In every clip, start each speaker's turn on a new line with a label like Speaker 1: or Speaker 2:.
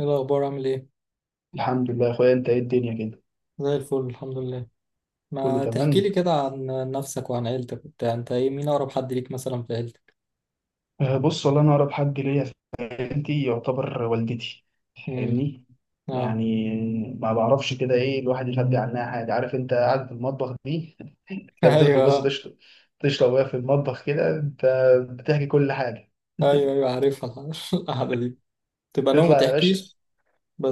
Speaker 1: ايه الاخبار؟ عامل ايه؟
Speaker 2: الحمد لله يا اخويا، انت ايه الدنيا كده؟
Speaker 1: زي الفل الحمد لله.
Speaker 2: كله
Speaker 1: ما تحكي لي
Speaker 2: تمام.
Speaker 1: كده عن نفسك وعن عيلتك وبتاع، انت ايه مين اقرب حد ليك مثلا في عيلتك؟
Speaker 2: بص والله انا اقرب حد ليا في حياتي يعتبر والدتي.
Speaker 1: امم
Speaker 2: فاهمني؟
Speaker 1: اه
Speaker 2: يعني ما بعرفش كده ايه الواحد يخبي عنها حاجه. عارف انت قاعد في المطبخ دي لما تدخل بس
Speaker 1: ايوه
Speaker 2: تشرب، تشرب وهي في المطبخ كده انت بتحكي كل حاجه
Speaker 1: ايوه ايوه عارفها القعده دي تبقى نوم ما
Speaker 2: تطلع يا باشا.
Speaker 1: تحكيش.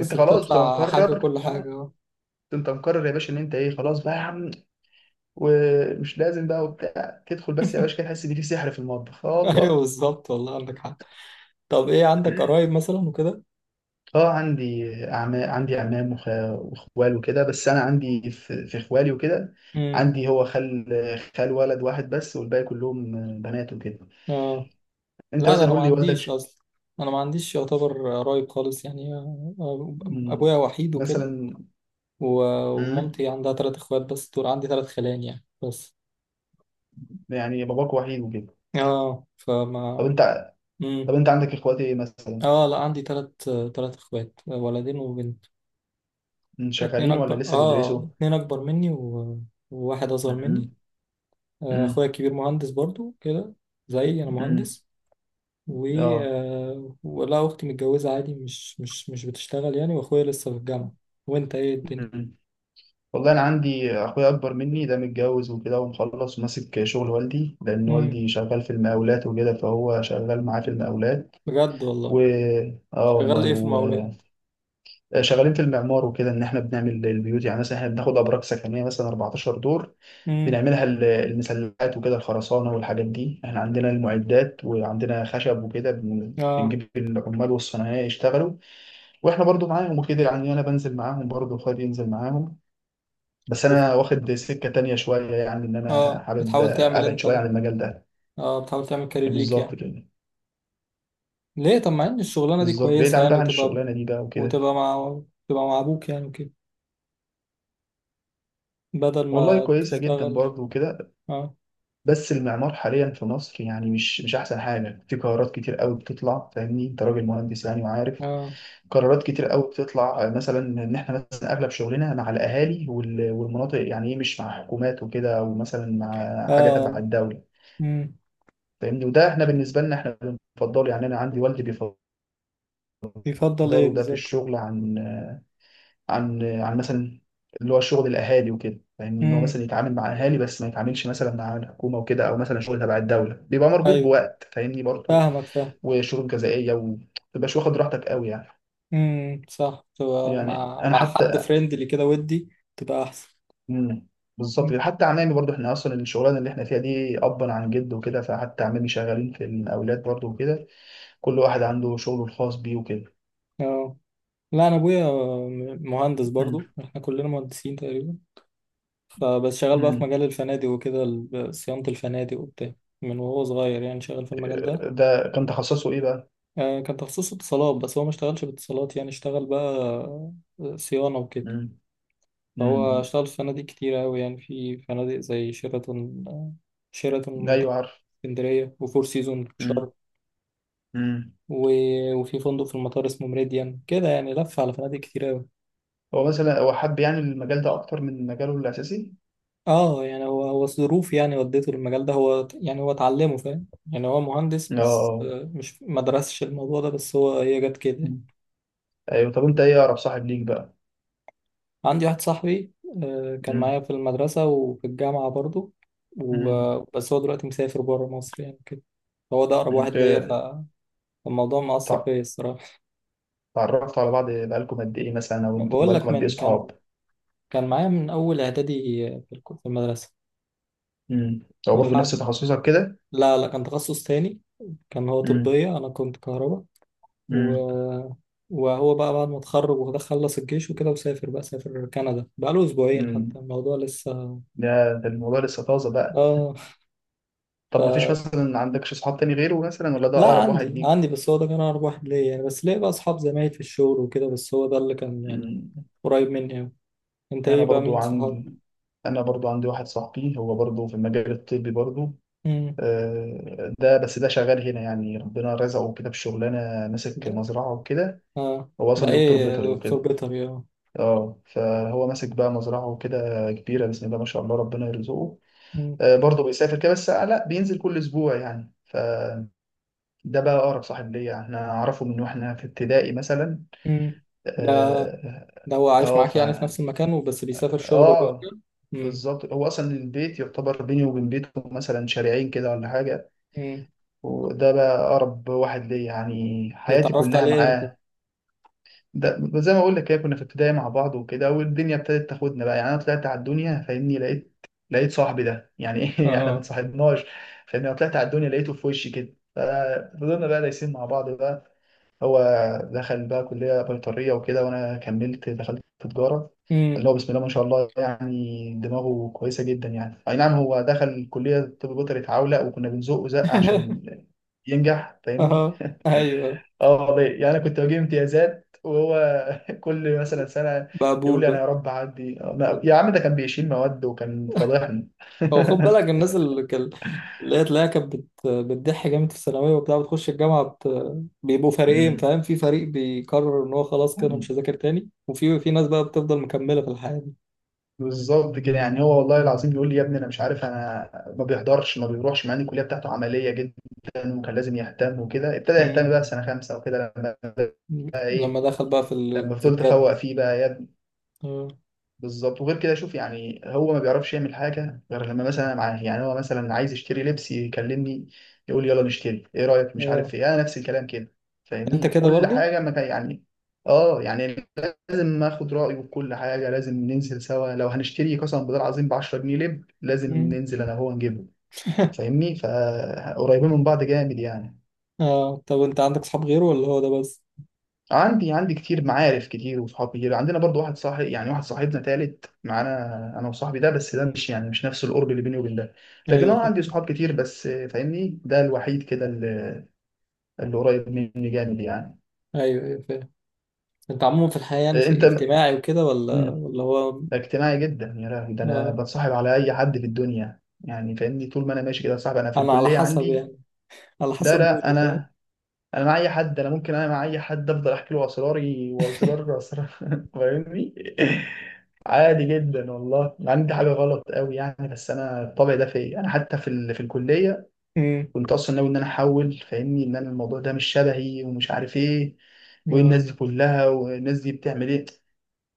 Speaker 2: انت خلاص بتبقى
Speaker 1: بتطلع حاجه،
Speaker 2: مقرر.
Speaker 1: كل
Speaker 2: اه،
Speaker 1: حاجه اه.
Speaker 2: انت مقرر يا باشا ان انت ايه خلاص بقى يا عم. ومش لازم بقى وبتاع، تدخل بس يا باشا كده تحس ان في سحر في المطبخ.
Speaker 1: ايوه
Speaker 2: الله.
Speaker 1: بالظبط، والله عندك حق. طب ايه، عندك قرايب مثلا وكده؟
Speaker 2: اه عندي أعمام، عندي أعمام وإخوال وكده. بس أنا عندي في إخوالي وكده.
Speaker 1: امم
Speaker 2: عندي هو خال. خال ولد واحد بس والباقي كلهم بنات وكده.
Speaker 1: اه،
Speaker 2: أنت
Speaker 1: لا ده
Speaker 2: مثلا
Speaker 1: انا ما
Speaker 2: قول لي والدك
Speaker 1: عنديش اصلا، انا ما عنديش يعتبر قرايب خالص يعني. آه، آه،
Speaker 2: مم،
Speaker 1: ابويا وحيد وكده،
Speaker 2: مثلا، مم،
Speaker 1: ومامتي عندها تلات اخوات بس، دول عندي تلات خلان يعني بس.
Speaker 2: يعني باباك وحيد وكده.
Speaker 1: اه
Speaker 2: طب
Speaker 1: فما.
Speaker 2: أنت، طب
Speaker 1: مم.
Speaker 2: أنت عندك إخوات إيه مثلا؟
Speaker 1: اه لا، عندي تلات، تلات اخوات، ولدين وبنت.
Speaker 2: مم،
Speaker 1: اتنين
Speaker 2: شغالين
Speaker 1: اكبر،
Speaker 2: ولا لسه
Speaker 1: اه
Speaker 2: بيدرسوا؟
Speaker 1: اتنين اكبر مني وواحد اصغر مني.
Speaker 2: مم.
Speaker 1: آه،
Speaker 2: مم.
Speaker 1: اخويا الكبير مهندس برضو كده، زيي انا
Speaker 2: مم.
Speaker 1: مهندس. و
Speaker 2: اه
Speaker 1: آه، ولا اختي متجوزة عادي، مش بتشتغل يعني، واخويا لسه في الجامعة. وانت ايه الدنيا؟
Speaker 2: والله انا عندي اخويا اكبر مني ده متجوز وكده، ومخلص وماسك شغل والدي، لان
Speaker 1: امم
Speaker 2: والدي شغال في المقاولات وكده، فهو شغال معاه في المقاولات.
Speaker 1: بجد والله.
Speaker 2: و... اه
Speaker 1: شغال
Speaker 2: والله
Speaker 1: ايه في
Speaker 2: و...
Speaker 1: المقاولات؟
Speaker 2: شغالين في المعمار وكده، ان احنا بنعمل البيوت. يعني مثلا احنا بناخد ابراج سكنيه مثلا 14 دور،
Speaker 1: امم
Speaker 2: بنعملها المسلات وكده، الخرسانه والحاجات دي. احنا عندنا المعدات وعندنا خشب وكده.
Speaker 1: اه.
Speaker 2: بنجيب العمال والصنايعيه يشتغلوا. واحنا برضو معاهم وكده يعني، انا بنزل معاهم، برضو اخويا ينزل معاهم. بس
Speaker 1: أوف.
Speaker 2: انا واخد سكه تانية شويه، يعني ان انا
Speaker 1: اه
Speaker 2: حابب
Speaker 1: بتحاول تعمل
Speaker 2: ابعد شويه
Speaker 1: انت،
Speaker 2: عن المجال ده.
Speaker 1: اه بتحاول تعمل كارير ليك
Speaker 2: بالظبط
Speaker 1: يعني؟
Speaker 2: كده.
Speaker 1: ليه؟ طب مع ان الشغلانه دي
Speaker 2: بالظبط، بعيد
Speaker 1: كويسه
Speaker 2: عن
Speaker 1: يعني،
Speaker 2: بقى عن
Speaker 1: وتبقى،
Speaker 2: الشغلانه دي بقى وكده.
Speaker 1: وتبقى مع، تبقى مع ابوك يعني وكده، بدل
Speaker 2: والله
Speaker 1: ما
Speaker 2: كويسه جدا
Speaker 1: تشتغل.
Speaker 2: برضه وكده.
Speaker 1: اه.
Speaker 2: بس المعمار حاليا في مصر يعني مش احسن حاجه. في قرارات كتير قوي بتطلع، فاهمني انت راجل مهندس يعني وعارف.
Speaker 1: اه.
Speaker 2: قرارات كتير قوي بتطلع، مثلا ان احنا مثلا اغلب شغلنا مع الاهالي والمناطق، يعني ايه مش مع حكومات وكده، او مثلا مع حاجه تبع
Speaker 1: اه.
Speaker 2: الدوله.
Speaker 1: امم.
Speaker 2: فاهمني، وده احنا بالنسبه لنا احنا بنفضله. يعني انا عندي والدي بيفضل
Speaker 1: يفضل ايه
Speaker 2: إقداره ده في
Speaker 1: بالظبط؟
Speaker 2: الشغل، عن عن مثلا اللي هو شغل الأهالي وكده. فاهمني، إن هو
Speaker 1: امم.
Speaker 2: مثلا يتعامل مع أهالي بس ما يتعاملش مثلا مع الحكومة وكده، أو مثلا شغل تبع الدولة بيبقى مربوط
Speaker 1: ايوه،
Speaker 2: بوقت، فاهمني برضه،
Speaker 1: فاهم.
Speaker 2: وشروط جزائية، وما تبقاش واخد راحتك قوي يعني.
Speaker 1: صح، تبقى
Speaker 2: يعني
Speaker 1: مع،
Speaker 2: أنا
Speaker 1: مع حد
Speaker 2: حتى
Speaker 1: فريندلي كده، ودي تبقى احسن.
Speaker 2: مم. بالظبط
Speaker 1: مم.
Speaker 2: كده. حتى عمامي برضه، احنا اصلا الشغلانه اللي احنا فيها دي ابا عن جد وكده. فحتى عمامي شغالين في المقاولات برضه وكده. كل واحد عنده شغله الخاص بيه وكده.
Speaker 1: اه لا انا ابويا مهندس
Speaker 2: مم.
Speaker 1: برضو، احنا كلنا مهندسين تقريبا. فبس شغال بقى في
Speaker 2: مم.
Speaker 1: مجال الفنادق وكده، صيانة الفنادق وبتاع. من وهو صغير يعني شغال في المجال ده.
Speaker 2: ده كان تخصصه ايه بقى؟
Speaker 1: آه، كان تخصص اتصالات بس هو ما اشتغلش باتصالات، يعني اشتغل بقى آه، صيانة وكده.
Speaker 2: مم.
Speaker 1: فهو
Speaker 2: امم.
Speaker 1: اشتغل في فنادق كتير أوي، يعني في فنادق زي شيراتون آه، شيراتون منتخب
Speaker 2: ايوه عارف.
Speaker 1: اسكندرية، وفور سيزون شرم،
Speaker 2: امم. امم.
Speaker 1: وفي فندق في المطار اسمه ميريديان كده، يعني لف على فنادق كتير أوي.
Speaker 2: هو مثلا هو حب يعني المجال ده اكتر من مجاله الاساسي؟
Speaker 1: اه يعني، هو الظروف يعني ودته للمجال ده، هو يعني هو اتعلمه فاهم. يعني هو مهندس
Speaker 2: اه،
Speaker 1: بس
Speaker 2: آه.
Speaker 1: آه، مش ما درسش الموضوع ده، بس هو هي جت كده.
Speaker 2: مم. ايوه. طب انت ايه اقرب صاحب ليك بقى؟
Speaker 1: عندي واحد صاحبي آه، كان
Speaker 2: امم.
Speaker 1: معايا في المدرسة وفي الجامعة برضو،
Speaker 2: امم.
Speaker 1: بس هو دلوقتي مسافر بره مصر يعني كده. هو ده أقرب
Speaker 2: انت
Speaker 1: واحد ليا، فالموضوع مأثر
Speaker 2: تع-
Speaker 1: فيا الصراحة.
Speaker 2: اتعرفتوا على بعض بقالكم قد ايه مثلا، او انتوا
Speaker 1: بقول
Speaker 2: بقالكم
Speaker 1: لك،
Speaker 2: قد ايه
Speaker 1: من كان،
Speaker 2: صحاب؟
Speaker 1: كان معايا من أول إعدادي، في في المدرسة.
Speaker 2: امم. هو برضه نفس
Speaker 1: لحد،
Speaker 2: تخصصك كده؟
Speaker 1: لا لا، كان تخصص تاني. كان هو
Speaker 2: امم.
Speaker 1: طبية، أنا كنت كهرباء و...
Speaker 2: امم.
Speaker 1: وهو بقى بعد ما اتخرج وده خلص الجيش وكده، وسافر بقى، سافر كندا، بقاله أسبوعين حتى
Speaker 2: امم.
Speaker 1: الموضوع لسه.
Speaker 2: ده، ده الموضوع لسه طازه بقى.
Speaker 1: آه
Speaker 2: طب ما فيش مثلا عندكش صحاب تاني غيره مثلا، ولا ده
Speaker 1: لا،
Speaker 2: اقرب واحد
Speaker 1: عندي
Speaker 2: ليك؟
Speaker 1: بس هو ده كان أقرب واحد ليا يعني، بس ليه بقى أصحاب زمايل في الشغل وكده، بس هو ده اللي كان يعني
Speaker 2: امم.
Speaker 1: قريب مني أوي. أنت
Speaker 2: انا
Speaker 1: إيه بقى،
Speaker 2: برضو
Speaker 1: مين صحابك؟
Speaker 2: عندي انا برضو عندي واحد صاحبي، هو برضو في المجال الطبي برضو.
Speaker 1: امم.
Speaker 2: ده بس ده شغال هنا، يعني ربنا رزقه كده بشغلانه، ماسك
Speaker 1: ده
Speaker 2: مزرعه وكده.
Speaker 1: آه.
Speaker 2: هو
Speaker 1: ده
Speaker 2: اصلا دكتور
Speaker 1: إيه،
Speaker 2: بيطري
Speaker 1: دكتور
Speaker 2: وكده.
Speaker 1: بيطري؟ آه.
Speaker 2: اه فهو ماسك بقى مزرعه وكده كبيره، بسم الله ما شاء الله ربنا يرزقه.
Speaker 1: امم.
Speaker 2: برضو بيسافر كده، بس لا بينزل كل اسبوع يعني. فده بقى اقرب صاحب ليا، احنا اعرفه من واحنا في ابتدائي مثلا.
Speaker 1: امم. ده،
Speaker 2: اه،
Speaker 1: ده هو عايش
Speaker 2: آه،
Speaker 1: معاك
Speaker 2: ف
Speaker 1: يعني في نفس المكان، وبس بيسافر شغله
Speaker 2: اه
Speaker 1: وبيرجع؟ امم.
Speaker 2: بالظبط. هو اصلا البيت يعتبر بيني وبين بيته مثلا شارعين كده ولا حاجه.
Speaker 1: امم.
Speaker 2: وده بقى أقرب واحد ليا، يعني
Speaker 1: ده
Speaker 2: حياتي
Speaker 1: اتعرفت
Speaker 2: كلها
Speaker 1: عليه إمتى؟
Speaker 2: معاه. ده زي ما أقول لك كده، كنا في ابتدائي مع بعض وكده، والدنيا ابتدت تاخدنا بقى. يعني أنا طلعت على الدنيا فاهمني، لقيت صاحبي ده. يعني إيه، إحنا ما
Speaker 1: آه.
Speaker 2: اتصاحبناش. فاهمني، أنا طلعت على الدنيا لقيته في وشي كده، ففضلنا بقى دايسين مع بعض بقى. هو دخل بقى كلية بيطرية وكده، وأنا كملت دخلت في تجارة.
Speaker 1: امم.
Speaker 2: اللي هو بسم الله ما شاء الله، يعني دماغه كويسة جدا. يعني أي نعم، هو دخل كلية طب بيطري اتعولق، وكنا بنزقه زق عشان ينجح فاهمني.
Speaker 1: آه. أيوه.
Speaker 2: اه والله، يعني أنا كنت بجيب امتيازات، وهو كل مثلا سنة يقول لي أنا يا
Speaker 1: مقبول.
Speaker 2: رب أعدي. يا عم ده كان بيشيل مواد وكان فضحني
Speaker 1: هو خد بالك، الناس اللي كان، اللي هي تلاقيها كانت بتضح جامد في الثانويه وبتاع، بتخش الجامعه بيبقوا فريقين فاهم، في فريق بيقرر ان هو خلاص كده أنا مش
Speaker 2: مم.
Speaker 1: هذاكر تاني، وفي ناس بقى بتفضل مكمله في الحياه دي.
Speaker 2: بالظبط كده. يعني هو والله العظيم بيقول لي يا ابني انا مش عارف انا، ما بيحضرش، ما بيروحش، مع ان الكليه بتاعته عمليه جدا وكان لازم يهتم وكده. ابتدى يهتم
Speaker 1: مم.
Speaker 2: بقى في سنه خمسه وكده لما بقى
Speaker 1: لما
Speaker 2: ايه،
Speaker 1: دخل بقى في ال...
Speaker 2: لما
Speaker 1: في
Speaker 2: فضلت
Speaker 1: الجد.
Speaker 2: افوق فيه بقى.
Speaker 1: اه.
Speaker 2: بالظبط. وغير كده شوف، يعني هو ما بيعرفش يعمل حاجه غير لما مثلا أنا معاه. يعني هو مثلا عايز يشتري لبس، يكلمني يقول لي يلا نشتري، ايه رايك، مش
Speaker 1: اه.
Speaker 2: عارف ايه. انا نفس الكلام كده
Speaker 1: انت
Speaker 2: فاهمني،
Speaker 1: كده
Speaker 2: كل
Speaker 1: برضو.
Speaker 2: حاجه، ما كان يعني، اه يعني لازم اخد رايه في كل حاجه، لازم ننزل سوا. لو هنشتري قسما بالله العظيم ب 10 جنيه لب، لازم
Speaker 1: مم.
Speaker 2: ننزل انا وهو نجيبه فاهمني. فقريبين من بعض جامد يعني.
Speaker 1: اه طب انت عندك صحاب غيره، ولا هو ده بس؟
Speaker 2: عندي، عندي كتير، معارف كتير وصحاب كتير. عندنا برضو واحد صاحب يعني، واحد صاحبنا تالت معانا انا وصاحبي ده، بس ده
Speaker 1: مم.
Speaker 2: مش يعني مش نفس القرب اللي بيني وبين ده. لكن
Speaker 1: ايوه
Speaker 2: انا
Speaker 1: فاهم.
Speaker 2: عندي صحاب كتير، بس فاهمني ده الوحيد كده اللي قريب مني جامد يعني.
Speaker 1: ايوه ايوه فاهم. انت عموما في الحياه يعني
Speaker 2: آه،
Speaker 1: شيء
Speaker 2: انت م-
Speaker 1: اجتماعي وكده، ولا
Speaker 2: مم،
Speaker 1: ولا هو،
Speaker 2: ده اجتماعي جدا يا لهوي. ده انا
Speaker 1: آه.
Speaker 2: بتصاحب على اي حد في الدنيا يعني فاهمني، طول ما انا ماشي كده صاحب، انا في
Speaker 1: انا على
Speaker 2: الكلية
Speaker 1: حسب
Speaker 2: عندي.
Speaker 1: يعني، على
Speaker 2: لا
Speaker 1: حسب
Speaker 2: لا،
Speaker 1: مودي فاهم.
Speaker 2: انا، انا مع اي حد، انا ممكن انا مع اي حد افضل احكي له اسراري، واسرار اسرار فاهمني، عادي جدا والله، ما عندي حاجه غلط قوي يعني. بس انا الطبع ده فيا، انا حتى في في الكليه
Speaker 1: مم.
Speaker 2: كنت اصلا ناوي ان انا احول فاهمني، ان انا الموضوع ده مش شبهي، ومش عارف ايه، وايه
Speaker 1: آه.
Speaker 2: الناس دي كلها، والناس دي بتعمل ايه.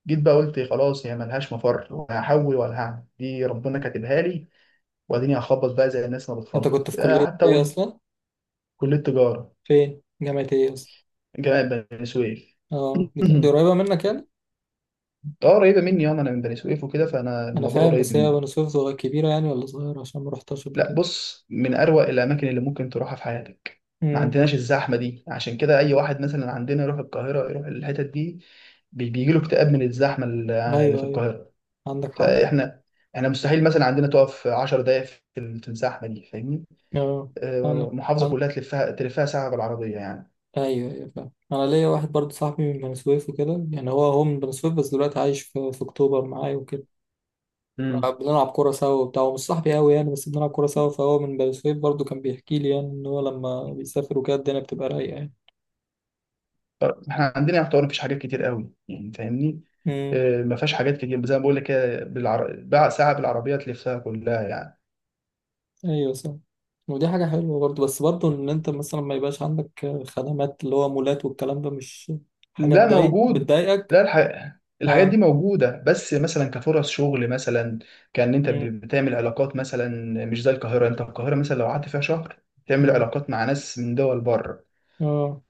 Speaker 2: جيت بقى قلت خلاص، هي ملهاش مفر، لا هحول ولا هعمل، دي ربنا كاتبها لي، واديني هخبط بقى زي الناس ما
Speaker 1: انت
Speaker 2: بتخبط.
Speaker 1: كنت في كلية
Speaker 2: حتى
Speaker 1: ايه
Speaker 2: أقول،
Speaker 1: اصلا؟
Speaker 2: كليه تجاره،
Speaker 1: فين؟ جامعة ايه اصلا؟
Speaker 2: جامعه بني سويف.
Speaker 1: اه دي قريبة منك يعني؟
Speaker 2: اه قريبه مني، انا، انا من بني سويف وكده، فانا
Speaker 1: انا
Speaker 2: الموضوع
Speaker 1: فاهم
Speaker 2: قريب
Speaker 1: بس هي
Speaker 2: مني.
Speaker 1: بني سويف صغيرة كبيرة يعني، ولا صغيرة؟ عشان ما رحتهاش قبل
Speaker 2: لا
Speaker 1: كده.
Speaker 2: بص، من اروق الاماكن اللي ممكن تروحها في حياتك. ما
Speaker 1: امم.
Speaker 2: عندناش الزحمه دي، عشان كده اي واحد مثلا عندنا يروح القاهره، يروح الحتت دي، بيجي له اكتئاب من الزحمه اللي في
Speaker 1: ايوه ايوه
Speaker 2: القاهره.
Speaker 1: عندك حق.
Speaker 2: فاحنا، احنا مستحيل مثلا عندنا تقف 10 دقائق في الزحمه دي فاهمني.
Speaker 1: اه. انا
Speaker 2: محافظه
Speaker 1: انا
Speaker 2: كلها تلفها تلفها ساعه بالعربيه يعني.
Speaker 1: ايوه ايوه فاهم، انا ليا واحد برضه صاحبي من بني سويف وكده، يعني هو من بني سويف، بس دلوقتي عايش في اكتوبر معايا وكده. بنلعب كورة سوا وبتاع، هو مش صاحبي قوي يعني، بس بنلعب كورة
Speaker 2: امم.
Speaker 1: سوا، فهو من بني سويف برضه، كان بيحكي لي يعني ان هو لما بيسافر وكده الدنيا بتبقى رايقة يعني.
Speaker 2: احنا عندنا يعتبر مفيش حاجات كتير قوي يعني فاهمني.
Speaker 1: امم.
Speaker 2: ما فيهاش حاجات كتير زي ما بقول لك كده، بقى ساعه بالعربيه تلفها كلها يعني.
Speaker 1: ايوه صح. ودي حاجة حلوة برضو، بس برضو ان انت مثلا ما يبقاش عندك خدمات اللي هو مولات والكلام ده، مش حاجة
Speaker 2: لا
Speaker 1: تضايق،
Speaker 2: موجود.
Speaker 1: بتضايقك؟
Speaker 2: لا، الحاجات
Speaker 1: اه.
Speaker 2: دي موجوده. بس مثلا كفرص شغل مثلا، كان انت
Speaker 1: مم.
Speaker 2: بتعمل علاقات مثلا، مش زي القاهره. انت القاهره مثلا لو قعدت فيها شهر، تعمل
Speaker 1: اه.
Speaker 2: علاقات مع ناس من دول بره.
Speaker 1: اه.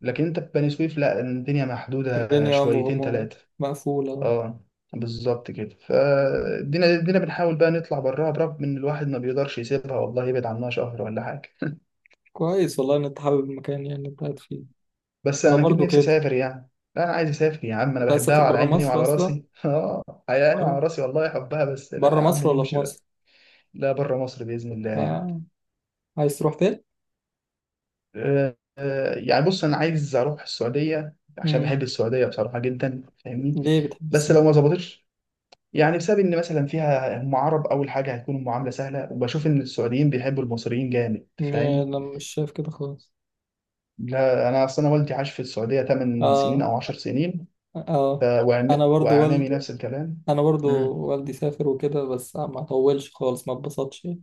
Speaker 2: لكن انت في بني سويف لا، الدنيا محدوده
Speaker 1: الدنيا
Speaker 2: شويتين
Speaker 1: مغمورة،
Speaker 2: ثلاثه.
Speaker 1: مقفولة آه.
Speaker 2: اه بالظبط كده. فادينا، ادينا بنحاول بقى نطلع براها، برغم ان الواحد ما بيقدرش يسيبها والله، يبعد عنها شهر ولا حاجه.
Speaker 1: كويس والله ان انت حابب المكان يعني اللي انت قاعد فيه.
Speaker 2: بس
Speaker 1: انا
Speaker 2: انا اكيد
Speaker 1: برضو
Speaker 2: نفسي
Speaker 1: كده.
Speaker 2: اسافر يعني. لا انا عايز اسافر يا عم، انا
Speaker 1: انت عايز
Speaker 2: بحبها
Speaker 1: تسافر
Speaker 2: على
Speaker 1: برا
Speaker 2: عيني
Speaker 1: مصر
Speaker 2: وعلى
Speaker 1: اصلا؟
Speaker 2: راسي اه على عيني وعلى
Speaker 1: برا،
Speaker 2: راسي والله احبها، بس لا يا
Speaker 1: برا
Speaker 2: عم،
Speaker 1: مصر ولا في
Speaker 2: نمشي بقى.
Speaker 1: مصر؟
Speaker 2: لا بره مصر باذن الله يعني.
Speaker 1: آه. عايز تروح فين؟
Speaker 2: يعني بص انا عايز اروح السعوديه عشان
Speaker 1: مم.
Speaker 2: بحب السعوديه بصراحه جدا فاهمني.
Speaker 1: ليه بتحب
Speaker 2: بس
Speaker 1: السفر؟
Speaker 2: لو ما ظبطتش، يعني بسبب ان مثلا فيها هم عرب اول حاجه، هيكون المعامله سهله، وبشوف ان السعوديين بيحبوا المصريين جامد،
Speaker 1: م-
Speaker 2: فاهم.
Speaker 1: انا مش شايف كده خالص.
Speaker 2: لا انا اصل انا والدي عاش في السعوديه 8 سنين
Speaker 1: اه.
Speaker 2: او 10 سنين،
Speaker 1: اه. انا برضو،
Speaker 2: واعمامي نفس الكلام.
Speaker 1: انا برضو
Speaker 2: مم.
Speaker 1: والدي سافر وكده بس ما طولش خالص، ما اتبسطش يعني.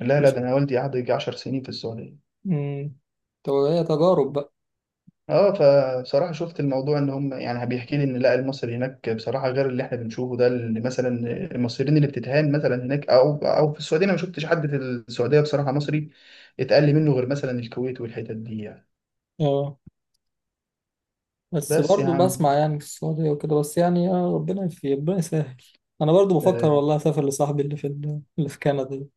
Speaker 2: لا لا،
Speaker 1: مش،
Speaker 2: ده انا والدي قعد يجي 10 سنين في السعوديه.
Speaker 1: امم، هي تجارب بقى.
Speaker 2: اه، فبصراحه شفت الموضوع ان هم، يعني بيحكي لي ان لا المصري هناك بصراحه غير اللي احنا بنشوفه ده، اللي مثلا المصريين اللي بتتهان مثلا هناك، او في السعوديه، انا ما شفتش حد في السعوديه بصراحه مصري اتقل منه، غير مثلا الكويت والحتت دي يعني.
Speaker 1: اه بس
Speaker 2: بس يا
Speaker 1: برضو
Speaker 2: عم.
Speaker 1: بسمع يعني في السعودية وكده، بس يعني يا ربنا يفي، ربنا يسهل. انا برضو بفكر
Speaker 2: آه.
Speaker 1: والله اسافر لصاحبي اللي في اللي في كندا دي.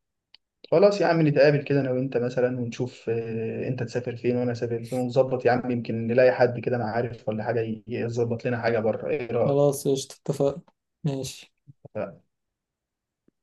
Speaker 2: خلاص يا عم نتقابل كده انا وانت مثلا ونشوف، آه انت تسافر فين وانا اسافر فين ونظبط، يا عم يمكن نلاقي حد كده انا عارف ولا حاجه، يظبط لنا حاجه بره. ايه رايك؟
Speaker 1: خلاص قشطة، اتفقنا. ماشي.